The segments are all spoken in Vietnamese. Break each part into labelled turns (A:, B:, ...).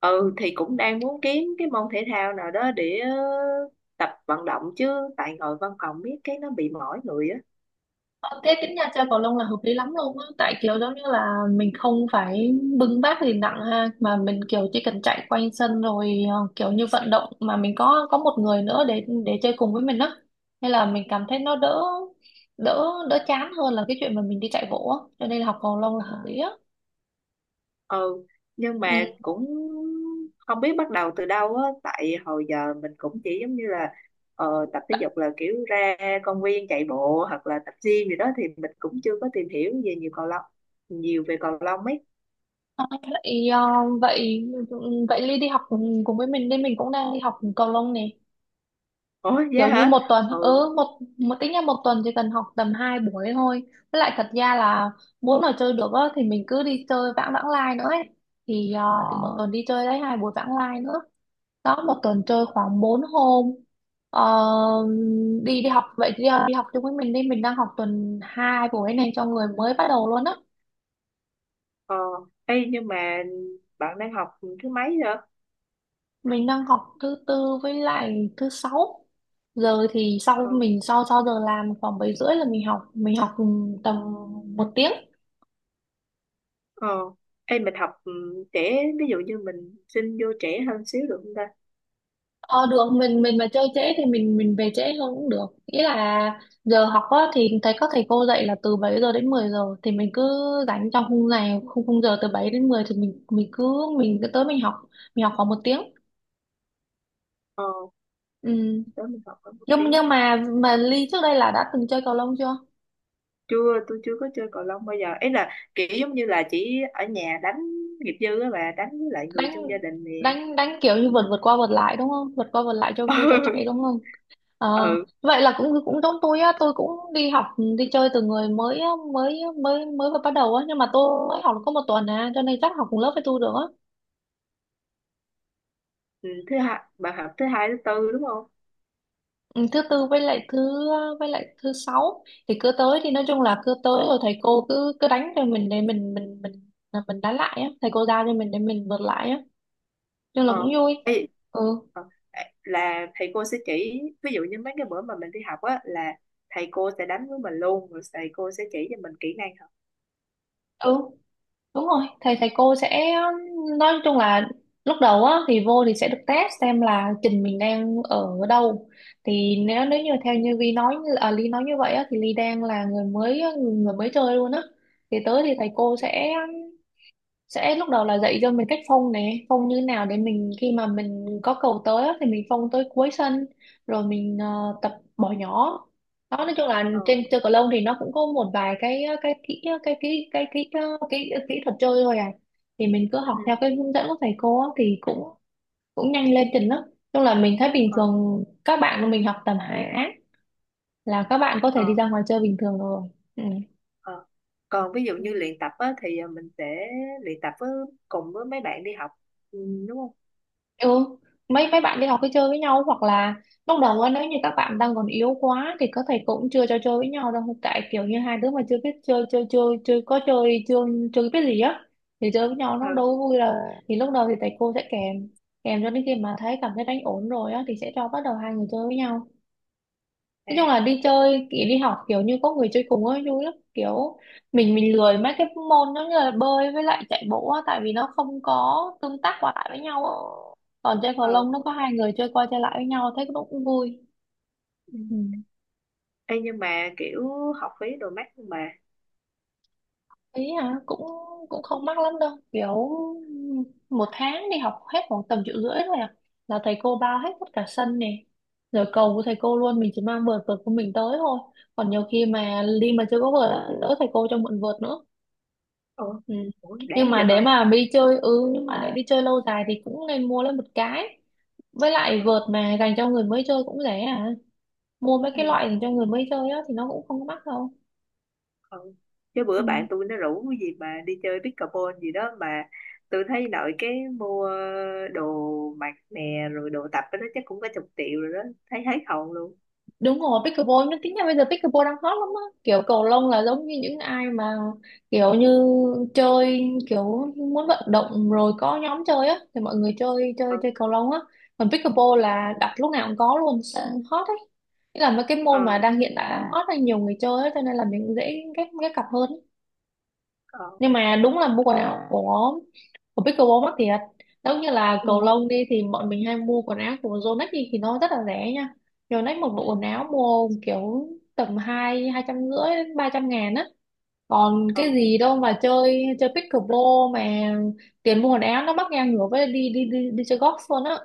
A: Ừ thì cũng đang muốn kiếm cái môn thể thao nào đó để tập vận động chứ, tại ngồi văn phòng biết cái nó bị mỏi người á.
B: Ờ, Thế tính ra chơi cầu lông là hợp lý lắm luôn á, tại kiểu giống như là mình không phải bưng bát gì nặng ha, mà mình kiểu chỉ cần chạy quanh sân rồi kiểu như vận động mà mình có một người nữa để chơi cùng với mình á, nên là mình cảm thấy nó đỡ đỡ đỡ chán hơn là cái chuyện mà mình đi chạy bộ á, cho nên là học cầu lông là hợp lý á.
A: Ừ, nhưng mà
B: Ừ.
A: cũng không biết bắt đầu từ đâu á, tại hồi giờ mình cũng chỉ giống như là tập thể dục là kiểu ra công viên chạy bộ hoặc là tập gym gì đó, thì mình cũng chưa có tìm hiểu về nhiều về cầu lông ấy.
B: Ờ, vậy, vậy ừ, vậy Ly đi học cùng với mình nên mình cũng đang đi học cầu lông nè,
A: Ủa vậy
B: kiểu như
A: hả?
B: một tuần
A: Ừ.
B: ừ một một tính ra một tuần chỉ cần học tầm 2 buổi thôi, với lại thật ra là muốn mà chơi được á, thì mình cứ đi chơi vãng vãng lai nữa ấy, thì, thì một tuần đi chơi đấy hai buổi vãng lai nữa, đó một tuần chơi khoảng 4 hôm, ờ, đi đi học vậy thì đi học chung với mình đi, mình đang học tuần 2 buổi này cho người mới bắt đầu luôn á.
A: Ờ. Ê, nhưng mà bạn đang học thứ mấy
B: Mình đang học thứ tư với lại thứ sáu, giờ thì sau
A: rồi?
B: mình sau sau giờ làm khoảng 7 rưỡi là mình học tầm một tiếng.
A: Ờ, em mình học trẻ, ví dụ như mình xin vô trẻ hơn xíu được không ta?
B: Ờ được, mình mà chơi trễ thì mình về trễ hơn cũng được, nghĩa là giờ học á, thì thấy các thầy cô dạy là từ 7 giờ đến 10 giờ, thì mình cứ rảnh trong khung này khung khung giờ từ 7 đến 10, thì mình cứ tới, mình học khoảng một tiếng.
A: Ờ,
B: Ừ.
A: đó mình học hơn một tí.
B: nhưng mà Ly trước đây là đã từng chơi cầu lông chưa?
A: Chưa, tôi chưa có chơi cầu lông bao giờ. Ấy là kiểu giống như là chỉ ở nhà đánh nghiệp dư á bà, đánh với lại người
B: đánh
A: trong gia đình nè.
B: đánh đánh kiểu như vượt vượt qua vượt lại đúng không, vượt qua vượt lại cho vui cho chạy đúng không? Ờ,
A: Ừ, ừ.
B: vậy là cũng cũng giống tôi á, tôi cũng đi học đi chơi từ người mới mới mới mới vừa bắt đầu á, nhưng mà tôi mới học được có một tuần à, cho nên chắc học cùng lớp với tôi được á.
A: Ừ, thứ hai, bà học thứ hai, thứ tư đúng không?
B: Ừ, thứ tư với lại thứ sáu, thì cứ tới thì nói chung là cứ tới rồi thầy cô cứ cứ đánh cho mình để mình là mình đánh lại á, thầy cô giao cho mình để mình vượt lại á, nhưng là
A: Ờ.
B: cũng vui.
A: Ê,
B: Ừ.
A: ờ, là thầy cô sẽ chỉ, ví dụ như mấy cái bữa mà mình đi học á, là thầy cô sẽ đánh với mình luôn, rồi thầy cô sẽ chỉ cho mình kỹ năng học.
B: Ừ. Đúng rồi, thầy thầy cô sẽ, nói chung là lúc đầu á thì vô thì sẽ được test xem là trình mình đang ở đâu. Thì nếu nếu như theo như Vi nói à, Ly nói như vậy á, thì Ly đang là người mới chơi luôn á. Thì tới thì thầy cô sẽ lúc đầu là dạy cho mình cách phông như nào để mình khi mà mình có cầu tới á, thì mình phông tới cuối sân, rồi mình tập bỏ nhỏ. Đó nói chung là
A: Ờ.
B: trên chơi cầu lông thì nó cũng có một vài cái kỹ ờ, cái kỹ cái kỹ cái kỹ thuật chơi thôi à, thì mình cứ học
A: Ừ.
B: theo cái hướng dẫn của thầy cô á, thì cũng cũng nhanh lên trình lắm, chung là mình thấy bình
A: Ờ.
B: thường các bạn của mình học tầm hạ á, là các bạn có thể đi
A: Ờ.
B: ra ngoài chơi bình thường rồi.
A: Ờ. Còn ví dụ
B: Ừ.
A: như luyện tập á, thì mình sẽ luyện tập với cùng với mấy bạn đi học, ừ, đúng không?
B: Ừ. mấy mấy bạn đi học cứ chơi với nhau, hoặc là lúc đầu á nếu như các bạn đang còn yếu quá thì các thầy cũng chưa cho chơi với nhau đâu, tại kiểu như hai đứa mà chưa biết chơi chơi chơi chơi, có chơi chưa, chưa biết gì á, thì chơi với nhau
A: Ờ.
B: nó đâu có vui đâu, thì lúc đầu thì thầy cô sẽ kèm kèm cho đến khi mà cảm thấy đánh ổn rồi á thì sẽ cho bắt đầu hai người chơi với nhau.
A: À.
B: Nói chung là đi chơi kiểu đi học kiểu như có người chơi cùng ấy vui lắm kiểu, mình lười mấy cái môn giống như là bơi với lại chạy bộ á, tại vì nó không có tương tác qua lại với nhau á, còn chơi cầu
A: Ờ.
B: lông nó có hai người chơi qua chơi lại với nhau thấy cũng cũng vui.
A: Ừ.
B: Ừ.
A: Ê, nhưng mà kiểu học phí đồ mắc nhưng mà
B: Ý à, cũng cũng không mắc lắm đâu, kiểu một tháng đi học hết khoảng tầm 1,5 triệu thôi à, là thầy cô bao hết tất cả sân này, rồi cầu của thầy cô luôn, mình chỉ mang vợt vợt của mình tới thôi, còn nhiều khi mà đi mà chưa có vợt á, lỡ thầy cô cho mượn vợt nữa.
A: ờ,
B: Ừ.
A: ủa đáng
B: Nhưng mà
A: vậy hả?
B: để mà đi chơi ừ nhưng mà để đi chơi lâu dài thì cũng nên mua lên một cái, với lại
A: Ờ.
B: vợt mà dành cho người mới chơi cũng rẻ à, mua mấy
A: Ừ.
B: cái loại dành cho người mới chơi á thì nó cũng không có mắc đâu.
A: Ờ. Chứ bữa
B: Ừ.
A: bạn tôi nó rủ cái gì mà đi chơi pickleball gì đó, mà tôi thấy nội cái mua đồ mặc nè rồi đồ tập cái đó chắc cũng có chục triệu rồi đó, thấy hết hồn luôn.
B: Đúng rồi, pickleball nhưng tính ra bây giờ pickleball đang hot lắm á, kiểu cầu lông là giống như những ai mà kiểu như chơi kiểu muốn vận động rồi có nhóm chơi á thì mọi người chơi chơi
A: Ờ.
B: chơi cầu lông á, còn pickleball
A: Ờ.
B: là đặt lúc nào cũng có luôn sợ hot ấy, nghĩa là mấy cái môn mà
A: Ờ.
B: đang hiện tại hot là nhiều người chơi á, cho nên là mình dễ ghép ghép cặp hơn.
A: Ờ.
B: Nhưng mà đúng là mua quần áo của pickleball mắc thiệt, giống như là
A: Ừ.
B: cầu lông đi thì bọn mình hay mua quần áo của Yonex đi thì nó rất là rẻ nha. Yonex một bộ
A: Ừ.
B: quần áo mua kiểu tầm hai 250 đến 300 ngàn á, còn
A: Ờ.
B: cái gì đâu mà chơi chơi pickleball mà tiền mua quần áo nó mắc ngang ngửa với đi đi đi đi chơi golf luôn á.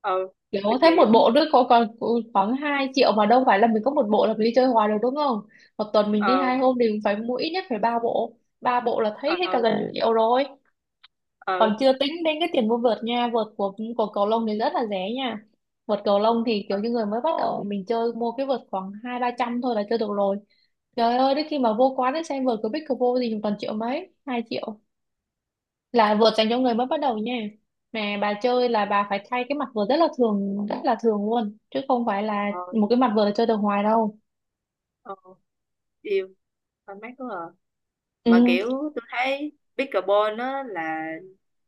A: Ờ.
B: Kiểu
A: Kinh
B: thấy
A: dị
B: một
A: quá.
B: bộ nữa có còn khoảng 2 triệu, mà đâu phải là mình có một bộ là mình đi chơi hoài được đúng không? Một tuần mình đi hai
A: Ờ.
B: hôm thì cũng phải mua ít nhất phải 3 bộ. Ba bộ là thấy hết cả
A: Ờ.
B: gần triệu rồi.
A: Ờ.
B: Còn chưa tính đến cái tiền mua vợt nha. Vợt của cầu lông thì rất là rẻ nha. Vợt cầu lông thì kiểu
A: Ờ.
B: như người mới bắt đầu mình chơi mua cái vợt khoảng hai ba trăm thôi là chơi được rồi. Trời ơi, đến khi mà vô quán ấy xem vợt của Big Vô thì toàn triệu mấy, 2 triệu là vợt dành cho người mới bắt đầu nha, mà bà chơi là bà phải thay cái mặt vợt rất là thường luôn, chứ không phải là
A: Ờ.
B: một cái mặt vợt là chơi được hoài đâu.
A: Ờ. Yêu, tao mát quá à. Mà
B: Ừ.
A: kiểu tôi thấy pickleball á là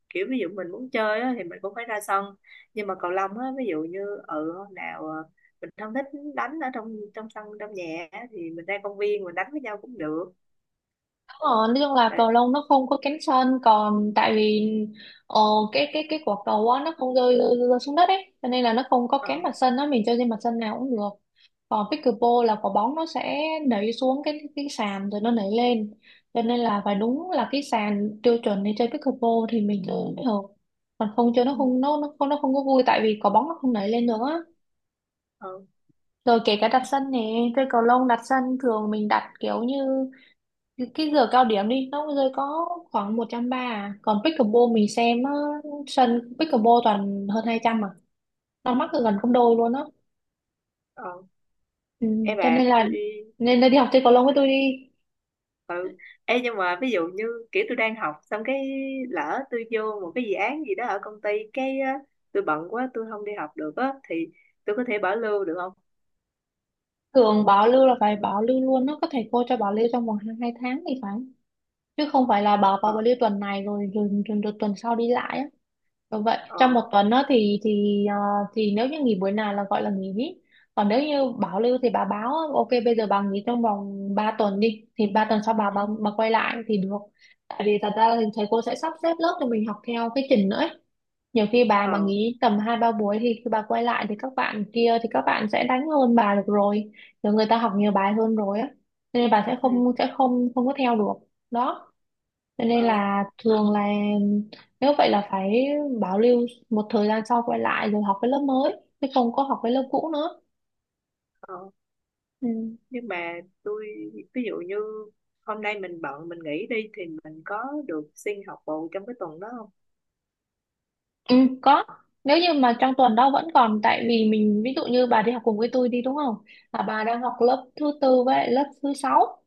A: kiểu ví dụ mình muốn chơi á thì mình cũng phải ra sân, nhưng mà cầu lông á, ví dụ như hôm nào mình không thích đánh ở trong trong sân trong nhà á, thì mình ra công viên mình đánh với nhau cũng được.
B: Đúng rồi, nói chung là
A: Đấy.
B: cầu lông nó không có cánh sân còn tại vì ờ, cái quả cầu á nó không rơi xuống đất ấy, cho nên là nó không có
A: Ờ.
B: cánh mặt sân á, mình chơi trên mặt sân nào cũng được, còn pickleball là quả bóng nó sẽ nảy xuống cái sàn rồi nó nảy lên, cho nên là phải đúng là cái sàn tiêu chuẩn để chơi pickleball thì mình chơi mới được, còn không chơi nó
A: Ừ.
B: không có vui, tại vì quả bóng nó không nảy lên được á,
A: Ờ.
B: rồi kể cả đặt sân nè, chơi cầu lông đặt sân thường mình đặt kiểu như cái giờ cao điểm đi nó rơi có khoảng 130 à, còn pickleball mình xem á, sân pickleball toàn hơn 200 mà nó mắc gần
A: Ừ.
B: gấp đôi luôn á.
A: Ờ.
B: Ừ.
A: Em
B: cho
A: bà.
B: nên là đi học chơi cầu lông với tôi đi.
A: Ê, nhưng mà ví dụ như kiểu tôi đang học xong cái lỡ tôi vô một cái dự án gì đó ở công ty cái á, tôi bận quá tôi không đi học được á thì tôi có thể bảo lưu được không?
B: Thường bảo lưu là phải bảo lưu luôn, nó có thầy cô cho bảo lưu trong vòng hai hai tháng thì phải, chứ không phải là bảo vào
A: Ờ.
B: bảo lưu tuần này rồi tuần sau đi lại á. Đúng vậy,
A: Ờ.
B: trong một tuần đó thì nếu như nghỉ buổi nào là gọi là nghỉ, còn nếu như bảo lưu thì bà báo ok bây giờ bà nghỉ trong vòng 3 tuần đi, thì 3 tuần sau bà,
A: Ừ.
B: bà bà quay lại thì được. Tại vì thật ra là thầy cô sẽ sắp xếp lớp cho mình học theo cái trình nữa ấy. Nhiều khi bà mà
A: Ờ.
B: nghỉ tầm 2 3 buổi thì khi bà quay lại thì các bạn kia thì các bạn sẽ đánh hơn bà được rồi, rồi người ta học nhiều bài hơn rồi á. Cho nên bà
A: Ừ.
B: sẽ không không có theo được đó. Cho nên
A: Ờ.
B: là thường là nếu vậy là phải bảo lưu, một thời gian sau quay lại rồi học cái lớp mới, chứ không có học cái lớp cũ nữa.
A: Ờ.
B: Ừ.
A: Nhưng mà tôi, ví dụ như hôm nay mình bận mình nghỉ đi thì mình có được xin học bù trong cái tuần đó không?
B: Ừ. Có, nếu như mà trong tuần đó vẫn còn, tại vì mình ví dụ như bà đi học cùng với tôi đi đúng không, là bà đang học lớp thứ tư với lại lớp thứ sáu.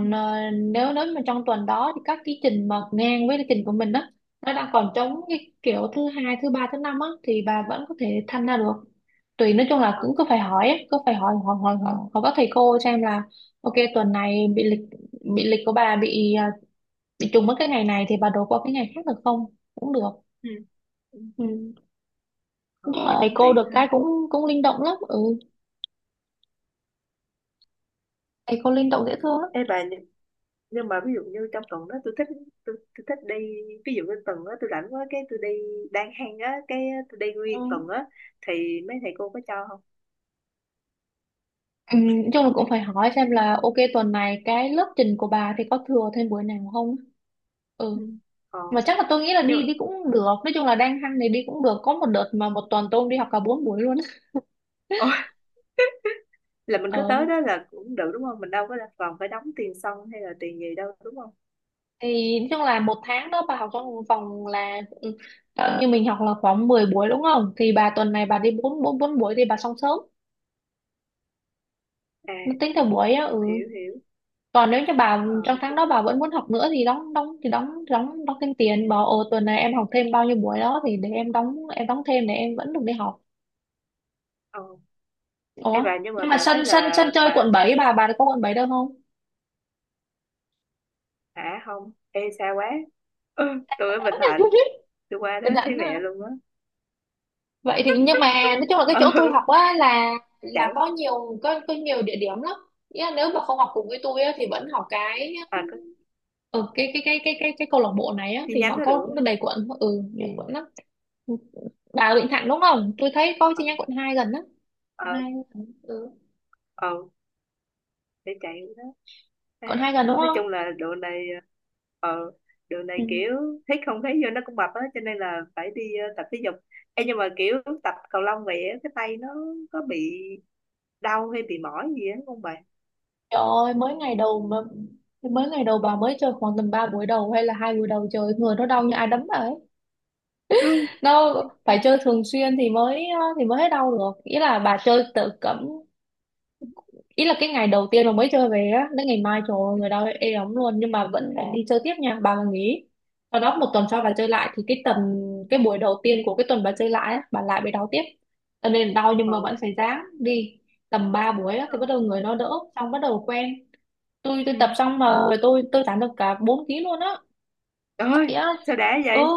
A: Ừ.
B: ờ, nếu nếu mà trong tuần đó thì các cái trình mà ngang với lịch trình của mình á, nó đang còn trống cái kiểu thứ hai thứ ba thứ năm á thì bà vẫn có thể tham gia được. Tùy, nói chung là
A: Ờ.
B: cũng cứ phải hỏi á, cứ phải hỏi hỏi hỏi hỏi, hỏi các thầy cô xem là ok tuần này bị lịch của bà bị trùng với cái ngày này thì bà đổi qua cái ngày khác được không, cũng được.
A: Ừ. Ừ.
B: Ừ.
A: Ờ,
B: Nhưng mà
A: vậy
B: thầy
A: cũng
B: cô
A: tiện
B: được
A: ha.
B: cái cũng cũng linh động lắm. Ừ, thầy cô linh động dễ thương lắm.
A: Ê bà, nhưng mà ví dụ như trong tuần đó tôi thích, tôi thích đi, ví dụ như tuần đó tôi rảnh quá cái tôi đi đang hang á, cái tôi đi nguyên tuần
B: Ừ.
A: á, thì mấy thầy cô có cho không?
B: Ừ, nói chung là cũng phải hỏi xem là ok tuần này cái lớp trình của bà thì có thừa thêm buổi nào không.
A: Ừ.
B: Ừ,
A: Ờ.
B: mà chắc là tôi nghĩ là
A: Nhưng
B: đi
A: mà,
B: đi cũng được, nói chung là đang hăng thì đi cũng được, có một đợt mà một tuần tôi đi học cả 4 buổi luôn.
A: ồ, là mình cứ
B: Ờ,
A: tới đó là cũng được đúng không, mình đâu có là còn phải đóng tiền sân hay là tiền gì đâu đúng không?
B: thì nói chung là một tháng đó bà học trong vòng là như mình học là khoảng 10 buổi đúng không, thì bà tuần này bà đi bốn bốn bốn buổi thì bà xong sớm,
A: À,
B: nó tính theo buổi á. Ừ,
A: hiểu hiểu.
B: còn nếu như bà trong
A: Ờ.
B: tháng
A: tính-
B: đó bà vẫn muốn học nữa thì đóng đóng đóng thêm tiền, bảo ồ tuần này em học thêm bao nhiêu buổi đó thì để em đóng thêm để em vẫn được đi học.
A: ờ, em
B: Ủa,
A: bà, nhưng mà
B: nhưng mà
A: bà thấy
B: sân sân sân
A: là
B: chơi quận
A: bà.
B: bảy, bà có quận 7 đâu không?
A: Hả? Không. Ê, xa quá. Ừ, tôi ở Bình Thạnh. Tôi qua đó
B: Bình
A: thấy
B: Thạnh à.
A: mẹ luôn á.
B: Vậy thì, nhưng mà nói chung là cái
A: Ừ.
B: chỗ tôi học á là
A: Chạy.
B: có nhiều địa điểm lắm. Nghĩa là nếu mà không học cùng với tôi á thì vẫn học cái,
A: À, có
B: cái câu lạc bộ này á
A: chi
B: thì
A: nhánh
B: họ
A: đó
B: có
A: được
B: đầy quận. Ừ. Ừ. Nhiều quận lắm. Bà ở Bình Thạnh đúng
A: không?
B: không? Tôi thấy có chi
A: Ờ.
B: nhánh quận 2 gần á.
A: Ờ.
B: Hai lần, ừ.
A: Ờ để chạy đó. Ai,
B: Còn hai lần đúng
A: nói chung
B: không.
A: là ờ độ này
B: Ừ.
A: kiểu thấy không thấy vô nó cũng mập á, cho nên là phải đi tập thể dục. Ê, nhưng mà kiểu tập cầu lông vậy á, cái tay nó có bị đau hay bị mỏi gì á không bạn?
B: Trời ơi, mới ngày đầu mà, mới ngày đầu bà mới chơi khoảng tầm 3 buổi đầu hay là 2 buổi đầu chơi, người nó đau như ai đấm bà ấy.
A: Ừ.
B: Nó phải chơi thường xuyên thì thì mới hết đau được. Ý là bà chơi tự cấm, ý là cái ngày đầu tiên mà mới chơi về á, đến ngày mai trời ơi, người đau ê ống luôn, nhưng mà vẫn phải đi chơi tiếp nha. Bà mà nghỉ, sau đó 1 tuần sau bà chơi lại, thì cái tuần, cái buổi đầu tiên của cái tuần bà chơi lại á, bà lại bị đau tiếp. Cho nên đau nhưng
A: Ờ.
B: mà vẫn phải ráng đi, tầm 3 buổi á
A: Ờ.
B: thì bắt đầu người nó đỡ, xong bắt đầu quen. tôi
A: Ừ.
B: tôi tập xong mà người tôi giảm được cả 4 ký luôn á,
A: Trời ơi,
B: chạy á.
A: sao đã
B: Ừ,
A: vậy?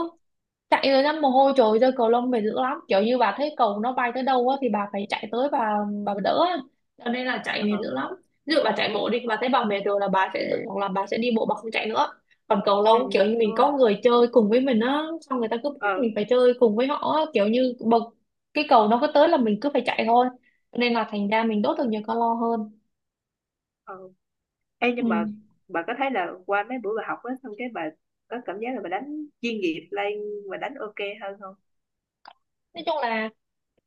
B: chạy rồi ra mồ hôi trồi ra, cầu lông mệt dữ lắm, kiểu như bà thấy cầu nó bay tới đâu á thì bà phải chạy tới, bà đỡ á, cho nên là chạy mệt
A: Ờ.
B: dữ lắm. Ví dụ bà chạy bộ đi, bà thấy bà mệt rồi là bà sẽ hoặc là bà sẽ đi bộ, bà không chạy nữa. Còn cầu
A: Ừ.
B: lông kiểu như
A: Đúng
B: mình
A: rồi.
B: có người chơi cùng với mình á, xong người ta cứ bắt
A: Ờ.
B: mình phải chơi cùng với họ á, kiểu như bật cái cầu nó cứ tới là mình cứ phải chạy thôi, nên là thành ra mình đốt được nhiều calo hơn.
A: Ờ. Ê,
B: Ừ.
A: nhưng mà bà có thấy là qua mấy buổi bà học á xong cái bà có cảm giác là bà đánh chuyên nghiệp lên và đánh ok hơn không?
B: Nói chung là,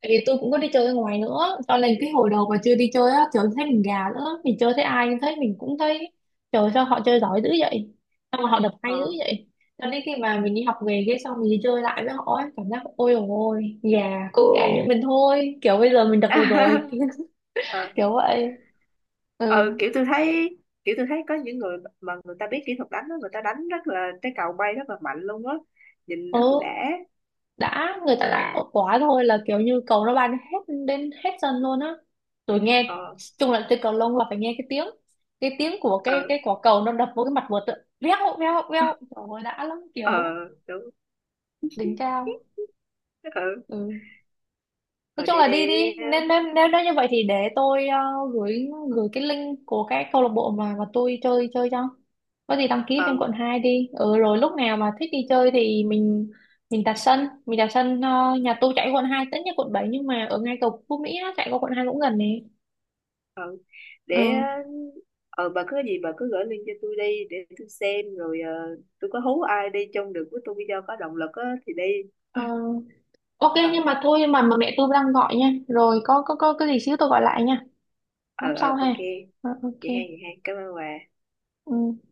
B: tại vì tôi cũng có đi chơi ở ngoài nữa, cho nên cái hồi đầu mà chưa đi chơi á, trời thấy mình gà nữa, mình chơi thấy ai thấy mình cũng thấy trời sao họ chơi giỏi dữ vậy, sao mà họ đập
A: Ờ.
B: hay dữ vậy. Cho nên khi mà mình đi học về cái xong mình đi chơi lại với họ ấy, cảm giác ôi dồi ôi, gà cũng gà như mình thôi, kiểu bây giờ mình đập được rồi.
A: Ờ.
B: Kiểu vậy. Ừ.
A: Ờ, kiểu tôi thấy có những người mà người ta biết kỹ thuật đánh đó, người ta đánh rất là cái cầu bay rất là mạnh luôn á, nhìn rất là
B: Ừ,
A: đã.
B: đã, người ta đã tốt quá thôi, là kiểu như cầu nó ban hết đến hết sân luôn á. Tôi nghe
A: Ờ.
B: chung là chơi cầu lông là phải nghe cái tiếng, cái tiếng của
A: Ờ.
B: cái quả cầu nó đập vô cái mặt vợt á, veo veo veo, trời ơi đã lắm, kiểu
A: Ờ đúng.
B: đỉnh cao.
A: Ờ.
B: Ừ. Nói
A: Ờ
B: chung là đi
A: để
B: đi, nên nếu, nếu nếu như vậy thì để tôi gửi gửi cái link của cái câu lạc bộ mà tôi chơi chơi cho, có gì đăng ký
A: ờ
B: lên quận 2 đi. Ừ, rồi lúc nào mà thích đi chơi thì mình đặt sân, mình đặt sân. Ờ, Nhà tôi chạy quận hai, tất nhiên quận 7 nhưng mà ở ngay cầu Phú Mỹ á, chạy qua quận 2 cũng gần nè.
A: ờ để
B: Ừ.
A: ờ bà cứ gửi link cho tôi đi để tôi xem, rồi tôi có hú ai đi chung được với tôi video có động lực á thì đi.
B: Ờ, ok,
A: Ờ.
B: nhưng mà thôi, mà mẹ tôi đang gọi nha, rồi có có cái gì xíu tôi gọi lại nha. Tám
A: Ờ. Ờ.
B: sau
A: Ok,
B: ha. Ờ, ok.
A: vậy hay vậy hay, cảm ơn bà.
B: Ừ.